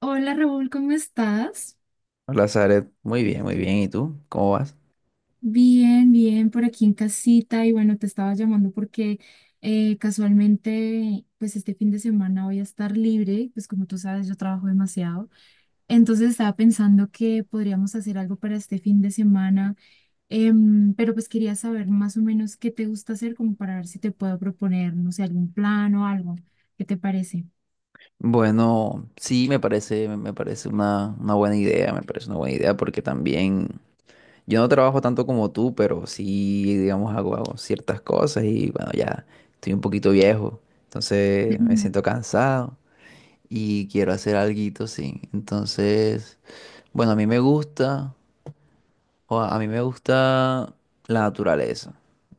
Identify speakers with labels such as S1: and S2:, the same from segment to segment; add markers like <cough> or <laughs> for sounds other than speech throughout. S1: Hola Raúl, ¿cómo estás?
S2: Hola, Zaret. Muy bien, muy bien. ¿Y tú? ¿Cómo vas?
S1: Bien, bien, por aquí en casita y bueno, te estaba llamando porque casualmente pues este fin de semana voy a estar libre, pues como tú sabes yo trabajo demasiado, entonces estaba pensando que podríamos hacer algo para este fin de semana, pero pues quería saber más o menos qué te gusta hacer como para ver si te puedo proponer, no sé, algún plan o algo, ¿qué te parece?
S2: Bueno, sí, me parece una buena idea, me parece una buena idea porque también yo no trabajo tanto como tú, pero sí, digamos, hago ciertas cosas y bueno, ya estoy un poquito viejo, entonces me
S1: <laughs>
S2: siento cansado y quiero hacer alguito, sí. Entonces, bueno, a mí me gusta. O a mí me gusta la naturaleza.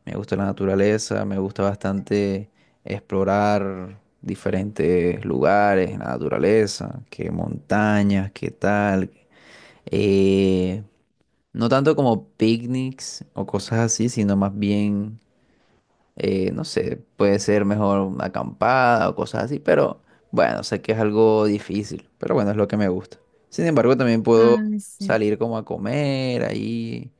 S2: Me gusta la naturaleza, me gusta bastante explorar diferentes lugares en la naturaleza, que montañas, qué tal. Eh, no tanto como picnics o cosas así, sino más bien, no sé, puede ser mejor una acampada o cosas así, pero bueno, sé que es algo difícil, pero bueno, es lo que me gusta. Sin embargo, también puedo
S1: Ah, sí.
S2: salir como a comer ahí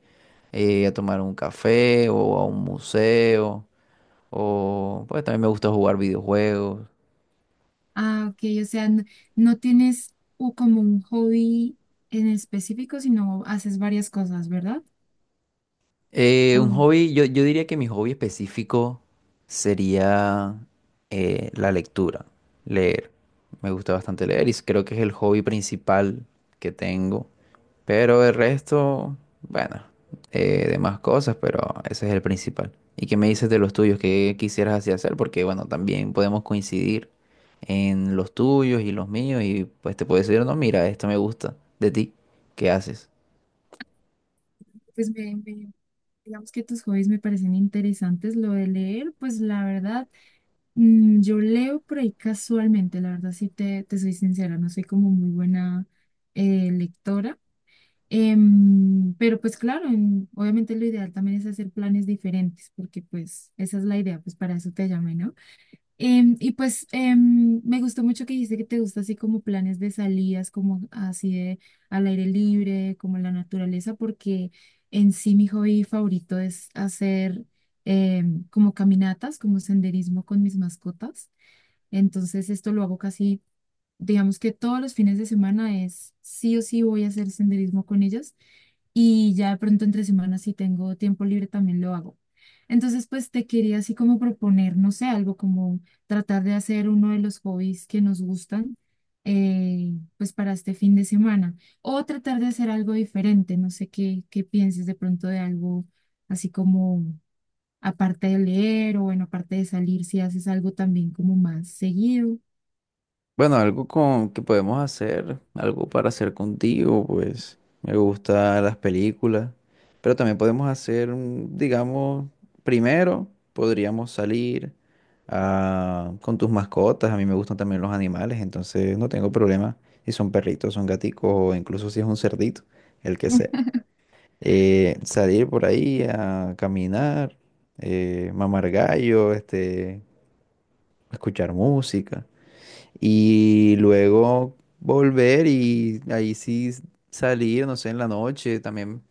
S2: a tomar un café o a un museo, o pues también me gusta jugar videojuegos.
S1: Ah, ok, o sea, no, no tienes como un hobby en específico, sino haces varias cosas, ¿verdad?
S2: Un
S1: Mm.
S2: hobby, yo diría que mi hobby específico sería la lectura, leer. Me gusta bastante leer y creo que es el hobby principal que tengo. Pero el resto, bueno, demás cosas, pero ese es el principal. ¿Y qué me dices de los tuyos? ¿Qué quisieras así hacer? Porque, bueno, también podemos coincidir en los tuyos y los míos y pues te puedo decir, no, mira, esto me gusta de ti. ¿Qué haces?
S1: Pues digamos que tus hobbies me parecen interesantes. Lo de leer, pues la verdad, yo leo por ahí casualmente, la verdad, sí te soy sincera, no soy como muy buena lectora. Pero pues claro, obviamente lo ideal también es hacer planes diferentes, porque pues esa es la idea, pues para eso te llamé, ¿no? Y pues me gustó mucho que dijiste que te gusta así como planes de salidas, como así de al aire libre, como en la naturaleza, porque en sí mi hobby favorito es hacer como caminatas, como senderismo con mis mascotas. Entonces esto lo hago casi, digamos que todos los fines de semana es sí o sí voy a hacer senderismo con ellas y ya de pronto entre semanas si tengo tiempo libre también lo hago. Entonces, pues te quería así como proponer, no sé, algo como tratar de hacer uno de los hobbies que nos gustan, pues para este fin de semana, o tratar de hacer algo diferente, no sé qué, qué pienses de pronto de algo así como aparte de leer o bueno, aparte de salir, si haces algo también como más seguido.
S2: Bueno, algo con que podemos hacer, algo para hacer contigo, pues me gustan las películas, pero también podemos hacer, digamos, primero podríamos salir ah, con tus mascotas. A mí me gustan también los animales, entonces no tengo problema si son perritos, son gaticos o incluso si es un cerdito, el que sea. Salir por ahí a caminar, mamar gallo, este, escuchar música y luego volver y ahí sí salir, no sé, en la noche también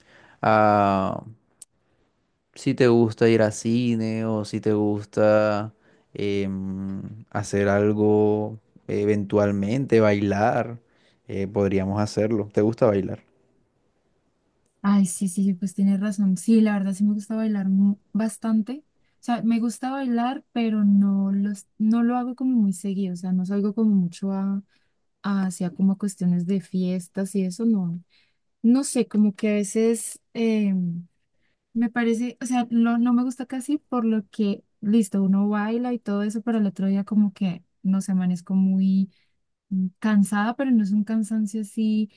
S2: si te gusta ir a cine o si te gusta hacer algo eventualmente, bailar, podríamos hacerlo. ¿Te gusta bailar?
S1: Ay, sí, sí, pues tienes razón. Sí, la verdad sí me gusta bailar bastante. O sea, me gusta bailar, pero no los, no lo hago como muy seguido. O sea, no salgo como mucho a, hacia como cuestiones de fiestas y eso, no. No sé, como que a veces me parece, o sea, no, no me gusta casi por lo que, listo, uno baila y todo eso, pero el otro día como que, no sé, amanezco muy cansada, pero no es un cansancio así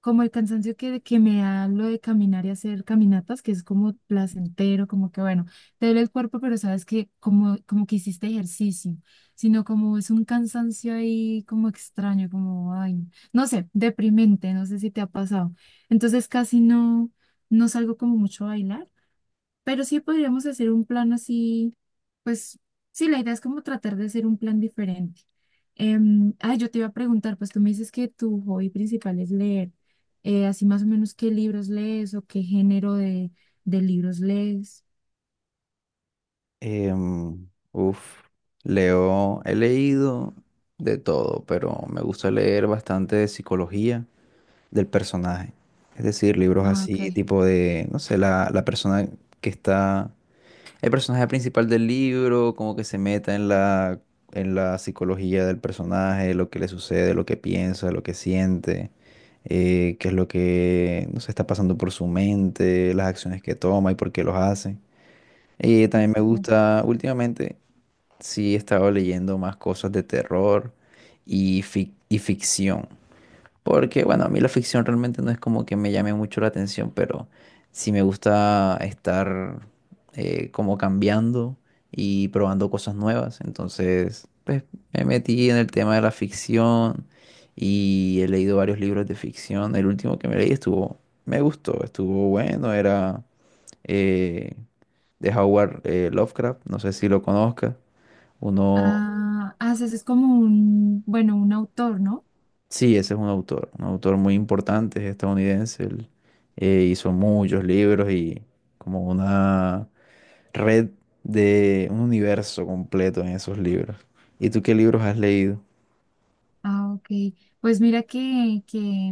S1: como el cansancio que me da lo de caminar y hacer caminatas, que es como placentero, como que bueno, te duele el cuerpo, pero sabes que como, como que hiciste ejercicio, sino como es un cansancio ahí como extraño, como, ay, no sé, deprimente, no sé si te ha pasado. Entonces casi no, no salgo como mucho a bailar pero sí podríamos hacer un plan así, pues sí, la idea es como tratar de hacer un plan diferente. Ah, yo te iba a preguntar, pues tú me dices que tu hobby principal es leer. Así más o menos qué libros lees o qué género de libros lees.
S2: Em, uf, Leo, he leído de todo, pero me gusta leer bastante de psicología del personaje. Es decir, libros
S1: Ah, ok.
S2: así, tipo de, no sé, la persona que está el personaje principal del libro, como que se meta en la psicología del personaje, lo que le sucede, lo que piensa, lo que siente, qué es lo que no sé, está pasando por su mente, las acciones que toma y por qué los hace. Y también me gusta, últimamente sí he estado leyendo más cosas de terror y, y ficción. Porque, bueno, a mí la
S1: Ok.
S2: ficción realmente no es como que me llame mucho la atención, pero sí me gusta estar como cambiando y probando cosas nuevas. Entonces, pues me metí en el tema de la ficción y he leído varios libros de ficción. El último que me leí estuvo, me gustó, estuvo bueno, era eh, de Howard Lovecraft, no sé si lo conozcas, uno.
S1: Ah, haces es como un, bueno, un autor, ¿no?
S2: Sí, ese es un autor muy importante, es estadounidense. Él hizo muchos libros y como una red de un universo completo en esos libros. ¿Y tú qué libros has leído?
S1: Ah, ok. Pues mira que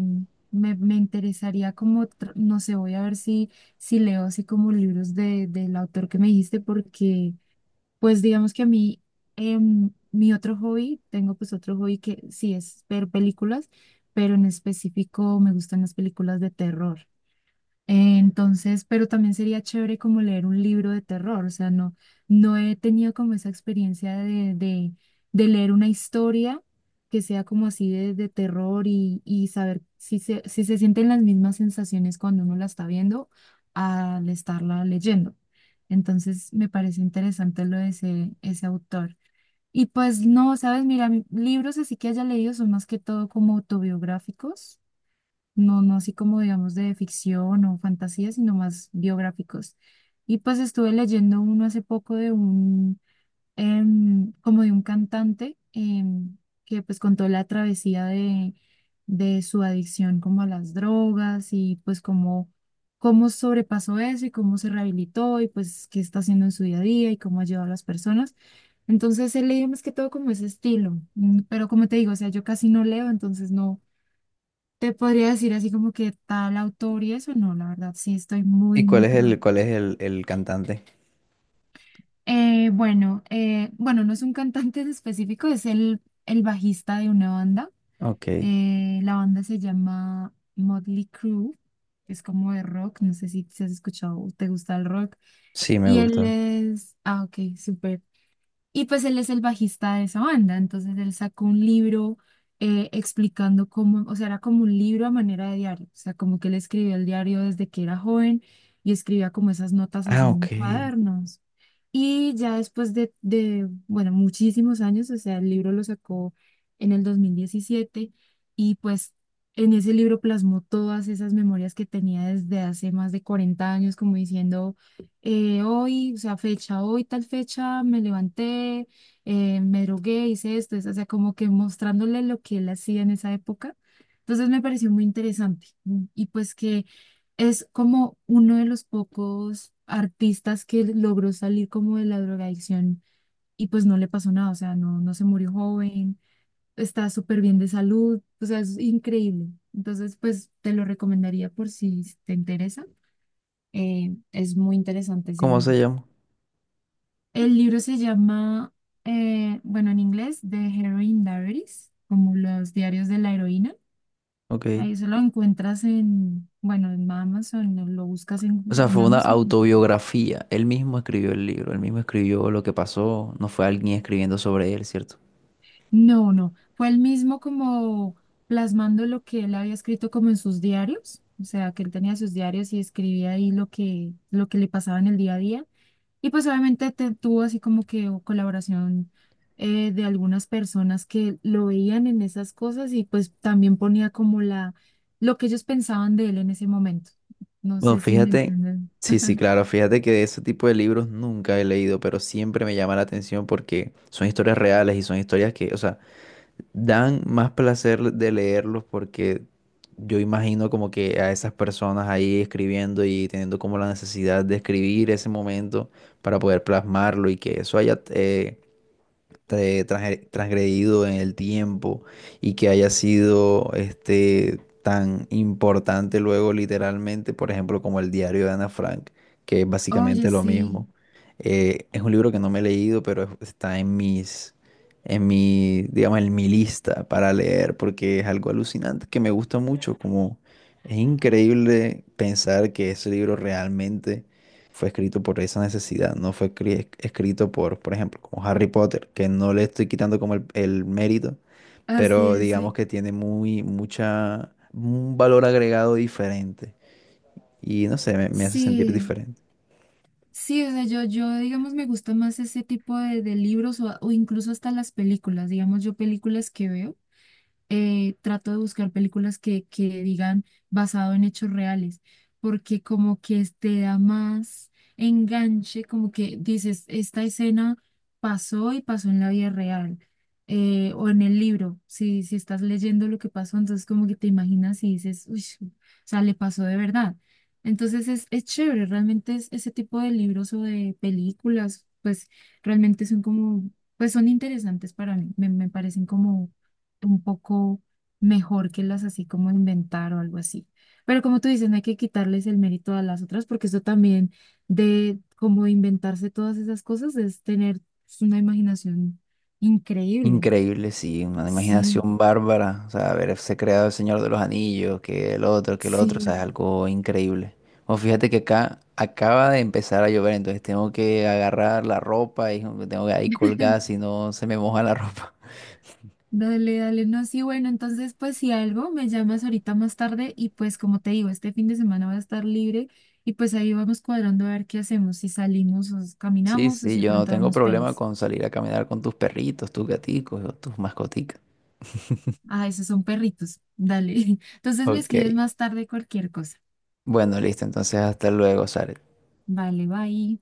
S1: me interesaría como, no sé, voy a ver si, si leo así como libros de, del autor que me dijiste, porque pues digamos que a mí, mi otro hobby, tengo pues otro hobby que sí es ver películas, pero en específico me gustan las películas de terror. Entonces, pero también sería chévere como leer un libro de terror, o sea, no, no he tenido como esa experiencia de leer una historia que sea como así de terror y saber si se, si se sienten las mismas sensaciones cuando uno la está viendo al estarla leyendo. Entonces, me parece interesante lo de ese, ese autor. Y pues no, sabes, mira, libros así que haya leído son más que todo como autobiográficos no, no así como digamos de ficción o fantasía, sino más biográficos. Y pues estuve leyendo uno hace poco de un, como de un cantante que pues contó la travesía de su adicción como a las drogas y pues cómo, cómo sobrepasó eso y cómo se rehabilitó y pues qué está haciendo en su día a día y cómo ayuda a las personas. Entonces he leído más que todo como ese estilo, pero como te digo, o sea, yo casi no leo, entonces no. Te podría decir así como que tal autor y eso, no, la verdad, sí estoy
S2: ¿Y
S1: muy, muy cruda.
S2: cuál es el cantante?
S1: Bueno, bueno, no es un cantante en específico, es el bajista de una banda.
S2: Ok,
S1: La banda se llama Motley Crue, es como de rock, no sé si, si has escuchado, o te gusta el rock.
S2: sí, me
S1: Y él
S2: gusta.
S1: es, ah, ok, súper. Y pues él es el bajista de esa banda, entonces él sacó un libro explicando cómo, o sea, era como un libro a manera de diario, o sea, como que él escribió el diario desde que era joven y escribía como esas notas así
S2: Ah,
S1: en
S2: ok.
S1: cuadernos. Y ya después de, bueno, muchísimos años, o sea, el libro lo sacó en el 2017 y pues en ese libro plasmó todas esas memorias que tenía desde hace más de 40 años, como diciendo hoy, o sea, fecha, hoy tal fecha me levanté, me drogué, hice esto, eso, o sea, como que mostrándole lo que él hacía en esa época. Entonces me pareció muy interesante y pues que es como uno de los pocos artistas que logró salir como de la drogadicción y pues no le pasó nada, o sea, no, no se murió joven, está súper bien de salud, o sea, es increíble. Entonces, pues te lo recomendaría por si te interesa. Es muy interesante ese
S2: ¿Cómo
S1: libro.
S2: se llama?
S1: El libro se llama, bueno, en inglés, The Heroine Diaries, como los diarios de la heroína. Ahí
S2: Ok.
S1: eso lo encuentras en, bueno, en Amazon, lo buscas
S2: O sea,
S1: en
S2: fue una
S1: Amazon.
S2: autobiografía. Él mismo escribió el libro, él mismo escribió lo que pasó, no fue alguien escribiendo sobre él, ¿cierto?
S1: No, no, fue el mismo como plasmando lo que él había escrito como en sus diarios, o sea, que él tenía sus diarios y escribía ahí lo que le pasaba en el día a día. Y pues obviamente tuvo así como que o colaboración de algunas personas que lo veían en esas cosas y pues también ponía como la, lo que ellos pensaban de él en ese momento. No
S2: Bueno,
S1: sé si me
S2: fíjate,
S1: entienden.
S2: sí, sí,
S1: <laughs>
S2: claro, fíjate que de ese tipo de libros nunca he leído, pero siempre me llama la atención porque son historias reales y son historias que, o sea, dan más placer de leerlos porque yo imagino como que a esas personas ahí escribiendo y teniendo como la necesidad de escribir ese momento para poder plasmarlo y que eso haya, transgredido en el tiempo y que haya sido este tan importante luego literalmente, por ejemplo, como el diario de Ana Frank, que es
S1: Oye,
S2: básicamente lo
S1: sí,
S2: mismo. Es un libro que no me he leído, pero está en mis, en mi, digamos, en mi lista para leer, porque es algo alucinante que me gusta mucho, como es increíble pensar que ese libro realmente fue escrito por esa necesidad, no fue escrito por ejemplo, como Harry Potter, que no le estoy quitando como el mérito,
S1: así
S2: pero
S1: es,
S2: digamos
S1: sí.
S2: que tiene muy, mucha, un valor agregado diferente. Y no sé, me hace sentir
S1: Sí,
S2: diferente.
S1: sí, o sea, yo, digamos, me gusta más ese tipo de libros o incluso hasta las películas, digamos, yo películas que veo. Eh, trato de buscar películas que digan basado en hechos reales, porque como que te da más enganche, como que dices, esta escena pasó y pasó en la vida real, o en el libro, si, si estás leyendo lo que pasó, entonces como que te imaginas y dices, uy, o sea, le pasó de verdad. Entonces es chévere, realmente es, ese tipo de libros o de películas, pues realmente son como, pues son interesantes para mí, me parecen como un poco mejor que las así como inventar o algo así. Pero como tú dices, no hay que quitarles el mérito a las otras porque eso también de como inventarse todas esas cosas es tener pues, una imaginación increíble.
S2: Increíble, sí, una
S1: Sí,
S2: imaginación bárbara, o sea, haberse creado el Señor de los Anillos, que el otro, o sea,
S1: sí.
S2: es algo increíble. Bueno, fíjate que acá acaba de empezar a llover, entonces tengo que agarrar la ropa y tengo que ahí colgar si no se me moja la <laughs> ropa.
S1: Dale, dale, no, sí, bueno, entonces pues si algo me llamas ahorita más tarde y pues como te digo, este fin de semana va a estar libre y pues ahí vamos cuadrando a ver qué hacemos, si salimos o
S2: Sí,
S1: caminamos o si
S2: sí,
S1: de
S2: yo no
S1: pronto
S2: tengo
S1: vemos
S2: problema
S1: pelis.
S2: con salir a caminar con tus perritos, tus gaticos o tus mascoticas.
S1: Ah, esos son perritos. Dale. <laughs> Entonces me
S2: Ok.
S1: escribes más tarde cualquier cosa.
S2: Bueno, listo, entonces hasta luego, Saret.
S1: Vale, bye.